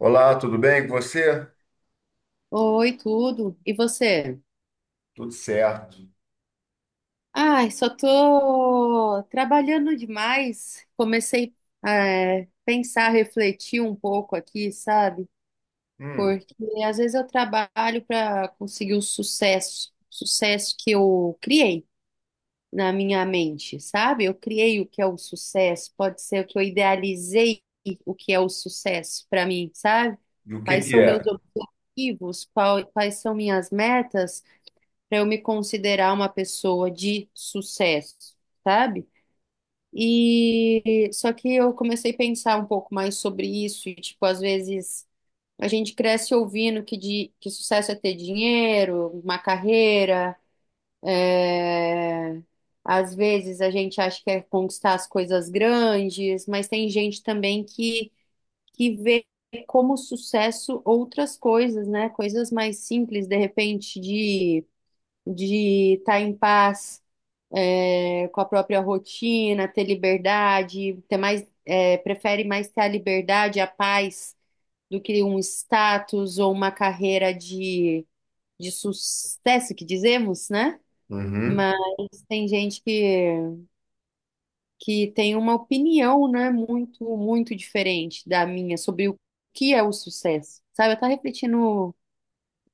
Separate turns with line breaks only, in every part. Olá, tudo bem com você?
Oi, tudo. E você?
Tudo certo.
Ai, só tô trabalhando demais. Comecei a pensar, refletir um pouco aqui, sabe?
Hum,
Porque às vezes eu trabalho para conseguir o sucesso, sucesso que eu criei na minha mente, sabe? Eu criei o que é o sucesso, pode ser que eu idealizei o que é o sucesso para mim, sabe?
e o que
Quais
que
são meus
é?
objetivos, quais são minhas metas para eu me considerar uma pessoa de sucesso, sabe? E só que eu comecei a pensar um pouco mais sobre isso, e tipo, às vezes a gente cresce ouvindo que sucesso é ter dinheiro, uma carreira, é, às vezes a gente acha que é conquistar as coisas grandes, mas tem gente também que vê como sucesso outras coisas, né? Coisas mais simples, de repente, de estar em paz, é, com a própria rotina, ter liberdade, ter mais, é, prefere mais ter a liberdade, a paz, do que um status ou uma carreira de sucesso, que dizemos, né?
Uhum.
Mas tem gente que tem uma opinião, né, muito, muito diferente da minha sobre o que é o sucesso. Sabe, eu tava refletindo,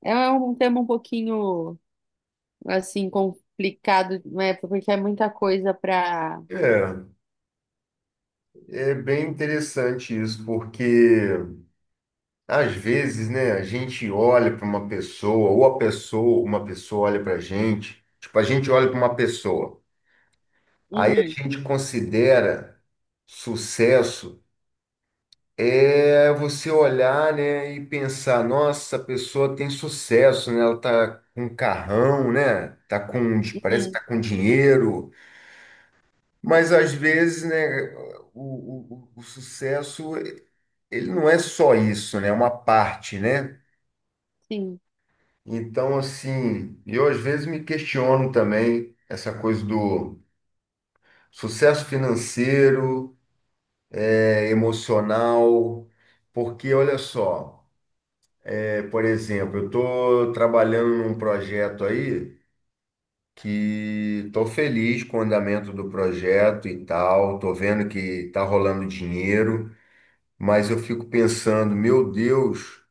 é um tema um pouquinho, assim, complicado, né, porque é muita coisa pra...
É, é bem interessante isso, porque às vezes, né, a gente olha para uma pessoa, ou a pessoa, uma pessoa olha para a gente, tipo, a gente olha para uma pessoa, aí a
Uhum,
gente considera sucesso é você olhar, né, e pensar, nossa, a pessoa tem sucesso, né? Ela tá com um carrão, né? Tá com, parece que
uhum,
tá com dinheiro. Mas às vezes, né, o sucesso, ele não é só isso, né? É uma parte, né?
sim.
Então, assim, eu às vezes me questiono também essa coisa do sucesso financeiro, é, emocional, porque olha só, é, por exemplo, eu estou trabalhando num projeto aí que estou feliz com o andamento do projeto e tal, estou vendo que está rolando dinheiro. Mas eu fico pensando, meu Deus,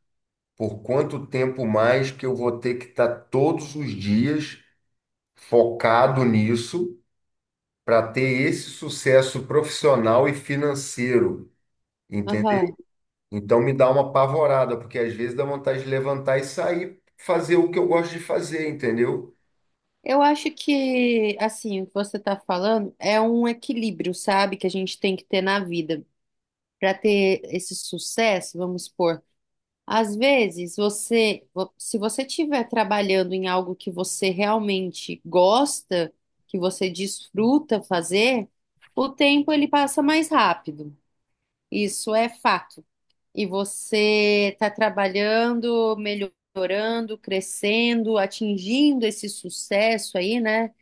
por quanto tempo mais que eu vou ter que estar todos os dias focado nisso para ter esse sucesso profissional e financeiro, entendeu?
Aham.
Então me dá uma apavorada, porque às vezes dá vontade de levantar e sair fazer o que eu gosto de fazer, entendeu?
Eu acho que, assim, o que você está falando é um equilíbrio, sabe, que a gente tem que ter na vida para ter esse sucesso, vamos supor. Às vezes, se você estiver trabalhando em algo que você realmente gosta, que você desfruta fazer, o tempo ele passa mais rápido. Isso é fato. E você está trabalhando, melhorando, crescendo, atingindo esse sucesso aí, né?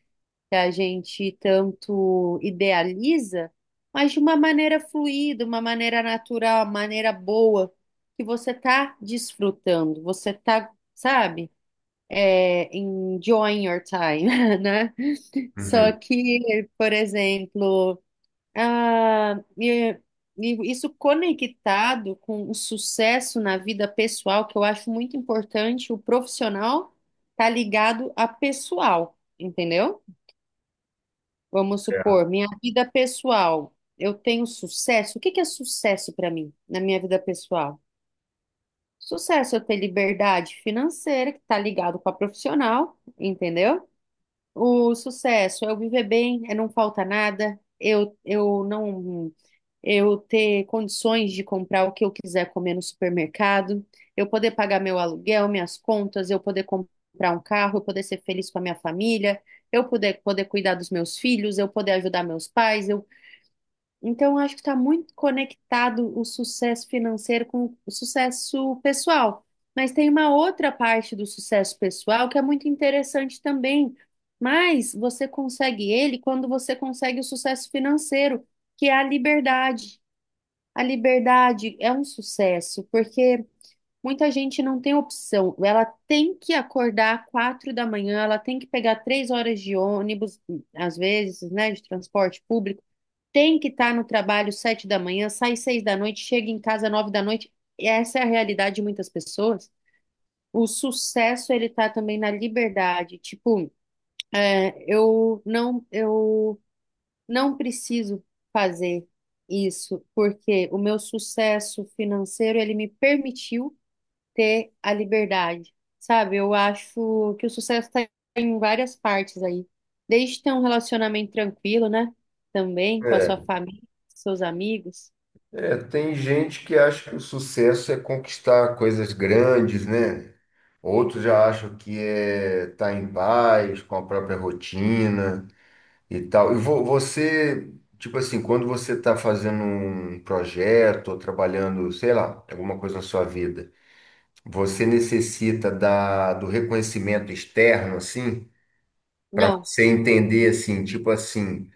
Que a gente tanto idealiza, mas de uma maneira fluida, uma maneira natural, uma maneira boa, que você tá desfrutando, você tá, sabe, é, enjoying your time, né? Só
Uhum.
que, por exemplo, ah, e- e isso conectado com o sucesso na vida pessoal, que eu acho muito importante, o profissional tá ligado a pessoal, entendeu? Vamos supor, minha vida pessoal, eu tenho sucesso? O que que é sucesso para mim na minha vida pessoal? Sucesso é eu ter liberdade financeira, que está ligado com a profissional, entendeu? O sucesso é eu viver bem, é não faltar nada, eu não eu ter condições de comprar o que eu quiser comer no supermercado, eu poder pagar meu aluguel, minhas contas, eu poder comprar um carro, eu poder ser feliz com a minha família, eu poder cuidar dos meus filhos, eu poder ajudar meus pais, eu, então, eu acho que está muito conectado o sucesso financeiro com o sucesso pessoal. Mas tem uma outra parte do sucesso pessoal que é muito interessante também. Mas você consegue ele quando você consegue o sucesso financeiro, que é a liberdade. A liberdade é um sucesso, porque muita gente não tem opção. Ela tem que acordar 4 da manhã, ela tem que pegar 3 horas de ônibus, às vezes, né, de transporte público, tem que estar no trabalho 7 da manhã, sai 6 da noite, chega em casa 9 da noite. E essa é a realidade de muitas pessoas. O sucesso ele tá também na liberdade. Tipo, é, eu não preciso fazer isso porque o meu sucesso financeiro ele me permitiu ter a liberdade, sabe? Eu acho que o sucesso está em várias partes aí. Desde ter um relacionamento tranquilo, né? Também com a sua
É,
família, seus amigos.
é, tem gente que acha que o sucesso é conquistar coisas grandes, né? Outros já acham que é tá em paz com a própria rotina e tal. E você, tipo assim, quando você está fazendo um projeto ou trabalhando, sei lá, alguma coisa na sua vida, você necessita da, do reconhecimento externo, assim, para
Não,
você entender, assim, tipo assim,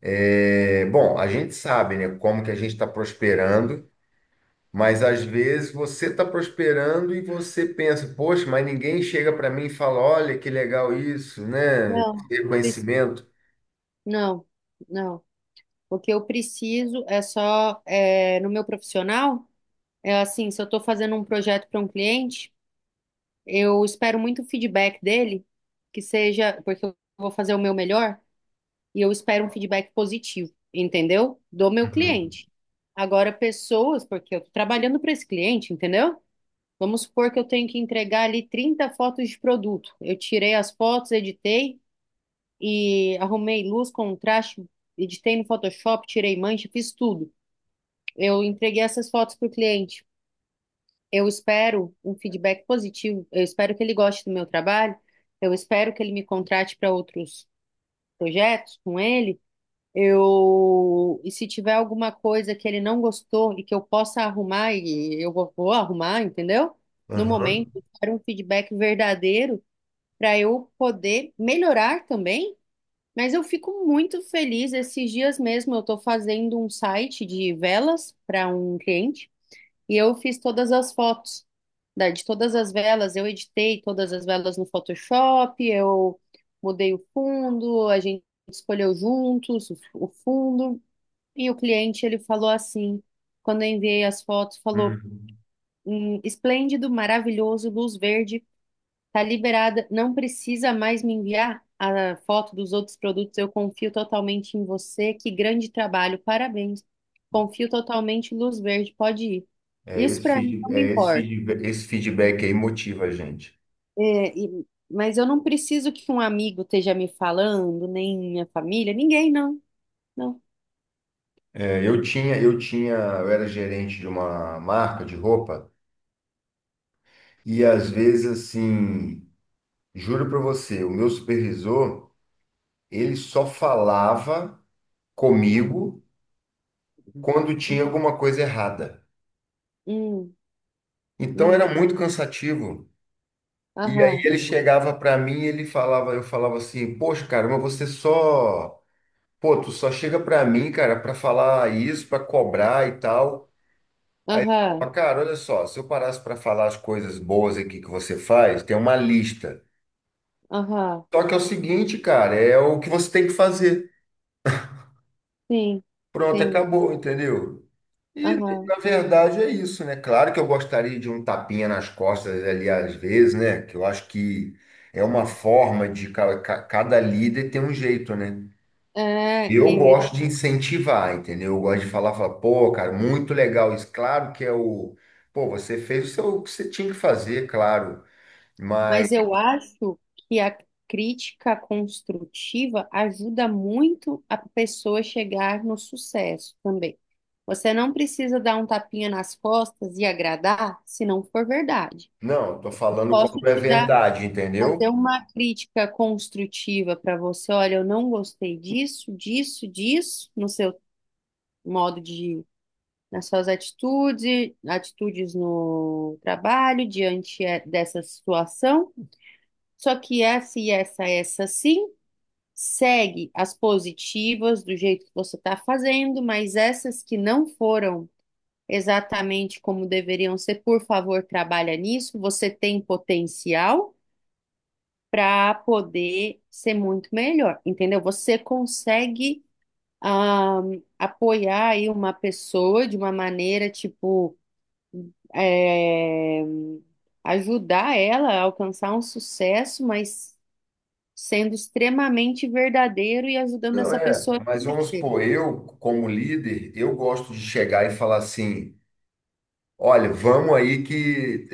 é, bom, a gente sabe, né, como que a gente está prosperando. Mas às vezes você está prosperando e você pensa, poxa, mas ninguém chega para mim e fala, olha que legal isso, né?
não, preciso.
Reconhecimento.
Não, não. O que eu preciso é só, é, no meu profissional, é assim, se eu estou fazendo um projeto para um cliente, eu espero muito o feedback dele, que seja, porque eu vou fazer o meu melhor. E eu espero um feedback positivo, entendeu? Do meu
Uhum.
cliente. Agora, pessoas, porque eu tô trabalhando para esse cliente, entendeu? Vamos supor que eu tenho que entregar ali 30 fotos de produto. Eu tirei as fotos, editei e arrumei luz, contraste, editei no Photoshop, tirei mancha, fiz tudo. Eu entreguei essas fotos para o cliente. Eu espero um feedback positivo. Eu espero que ele goste do meu trabalho. Eu espero que ele me contrate para outros projetos com ele. Eu, e se tiver alguma coisa que ele não gostou e que eu possa arrumar, e eu vou arrumar, entendeu? No momento,
Aham.
eu quero um feedback verdadeiro para eu poder melhorar também. Mas eu fico muito feliz. Esses dias mesmo eu estou fazendo um site de velas para um cliente e eu fiz todas as fotos de todas as velas. Eu editei todas as velas no Photoshop, eu mudei o fundo, a gente escolheu juntos o fundo. E o cliente, ele falou assim, quando eu enviei as fotos, falou,
Uhum.
Esplêndido, maravilhoso, luz verde, tá liberada, não precisa mais me enviar a foto dos outros produtos, eu confio totalmente em você, que grande trabalho, parabéns, confio totalmente, luz verde, pode ir." Isso para mim não me
É
importa,
esse feedback aí motiva a gente.
é, mas eu não preciso que um amigo esteja me falando, nem minha família, ninguém, não, não.
É, eu tinha, eu era gerente de uma marca de roupa e às vezes assim, juro para você, o meu supervisor, ele só falava comigo quando tinha
Hum,
alguma coisa errada.
hum,
Então
hum,
era muito cansativo. E aí
aham,
ele chegava para mim e ele falava, eu falava assim, poxa, cara, mas você só, pô, tu só chega para mim, cara, para falar isso, para cobrar e tal. Aí ele
aham,
falava, cara, olha só, se eu parasse para falar as coisas boas aqui que você faz, tem uma lista.
aham.
Só que é o seguinte, cara, é o que você tem que fazer.
Sim,
Pronto,
sim.
acabou, entendeu? E,
Aham.
na verdade, é isso, né? Claro que eu gostaria de um tapinha nas costas ali às vezes, né? Que eu acho que é uma forma de cada líder ter um jeito, né?
É,
Eu
e-
gosto de incentivar, entendeu? Eu gosto de falar, falar, pô, cara, muito legal isso. Claro que é o. Pô, você fez o que você tinha que fazer, claro. Mas,
mas eu acho que a crítica construtiva ajuda muito a pessoa a chegar no sucesso também. Você não precisa dar um tapinha nas costas e agradar se não for verdade.
não, eu tô falando
Posso
quando é
te dar,
verdade,
fazer
entendeu?
uma crítica construtiva para você. Olha, eu não gostei disso, disso, disso no seu modo de, nas suas atitudes, atitudes no trabalho diante, é, dessa situação. Só que essa e essa, essa sim, segue as positivas do jeito que você está fazendo, mas essas que não foram exatamente como deveriam ser, por favor, trabalha nisso. Você tem potencial para poder ser muito melhor, entendeu? Você consegue, ah, apoiar aí uma pessoa de uma maneira tipo, é, ajudar ela a alcançar um sucesso, mas sendo extremamente verdadeiro e ajudando
Não
essa pessoa
é.
a
Mas vamos
crescer.
supor, eu, como líder, eu gosto de chegar e falar assim. Olha, vamos aí que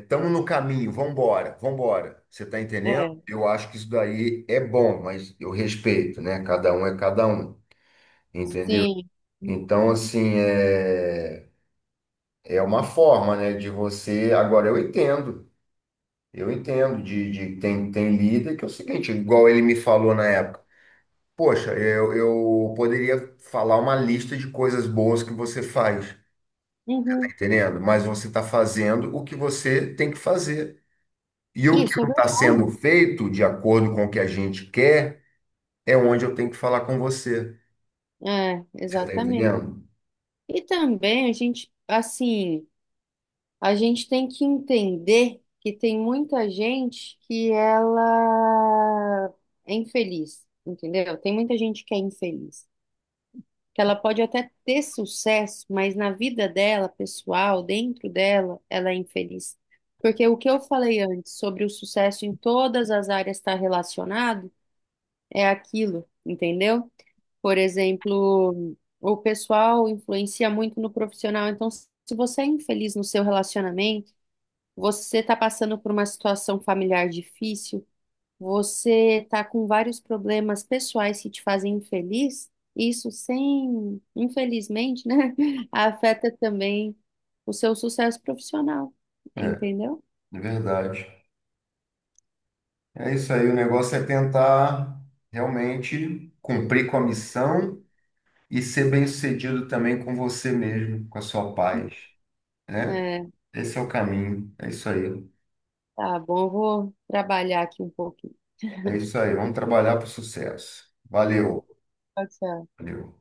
estamos no caminho, vamos embora, vamos vambora. Você está entendendo?
É,
Eu acho que isso daí é bom, mas eu respeito, né? Cada um é cada um, entendeu?
sim.
Então, assim, é, é uma forma, né, de você. Agora, eu entendo, eu entendo de tem, tem líder que é o seguinte, igual ele me falou na época. Poxa, eu poderia falar uma lista de coisas boas que você faz, tá
Uhum.
entendendo? Mas você está fazendo o que você tem que fazer. E o que
Isso é
não está sendo
verdade.
feito de acordo com o que a gente quer é onde eu tenho que falar com você.
É,
Você está
exatamente.
entendendo?
E também a gente, assim, a gente tem que entender que tem muita gente que ela é infeliz, entendeu? Tem muita gente que é infeliz, que ela pode até ter sucesso, mas na vida dela, pessoal, dentro dela, ela é infeliz. Porque o que eu falei antes sobre o sucesso em todas as áreas estar relacionado é aquilo, entendeu? Por exemplo, o pessoal influencia muito no profissional. Então, se você é infeliz no seu relacionamento, você está passando por uma situação familiar difícil. Você está com vários problemas pessoais que te fazem infeliz, isso sem, infelizmente, né, afeta também o seu sucesso profissional,
É,
entendeu?
é verdade. É isso aí, o negócio é tentar realmente cumprir com a missão e ser bem-sucedido também com você mesmo, com a sua paz, né?
É,
Esse é o caminho, é isso aí.
tá bom, eu vou trabalhar aqui um pouquinho.
É isso aí, vamos trabalhar para o sucesso. Valeu,
Pode ser.
valeu.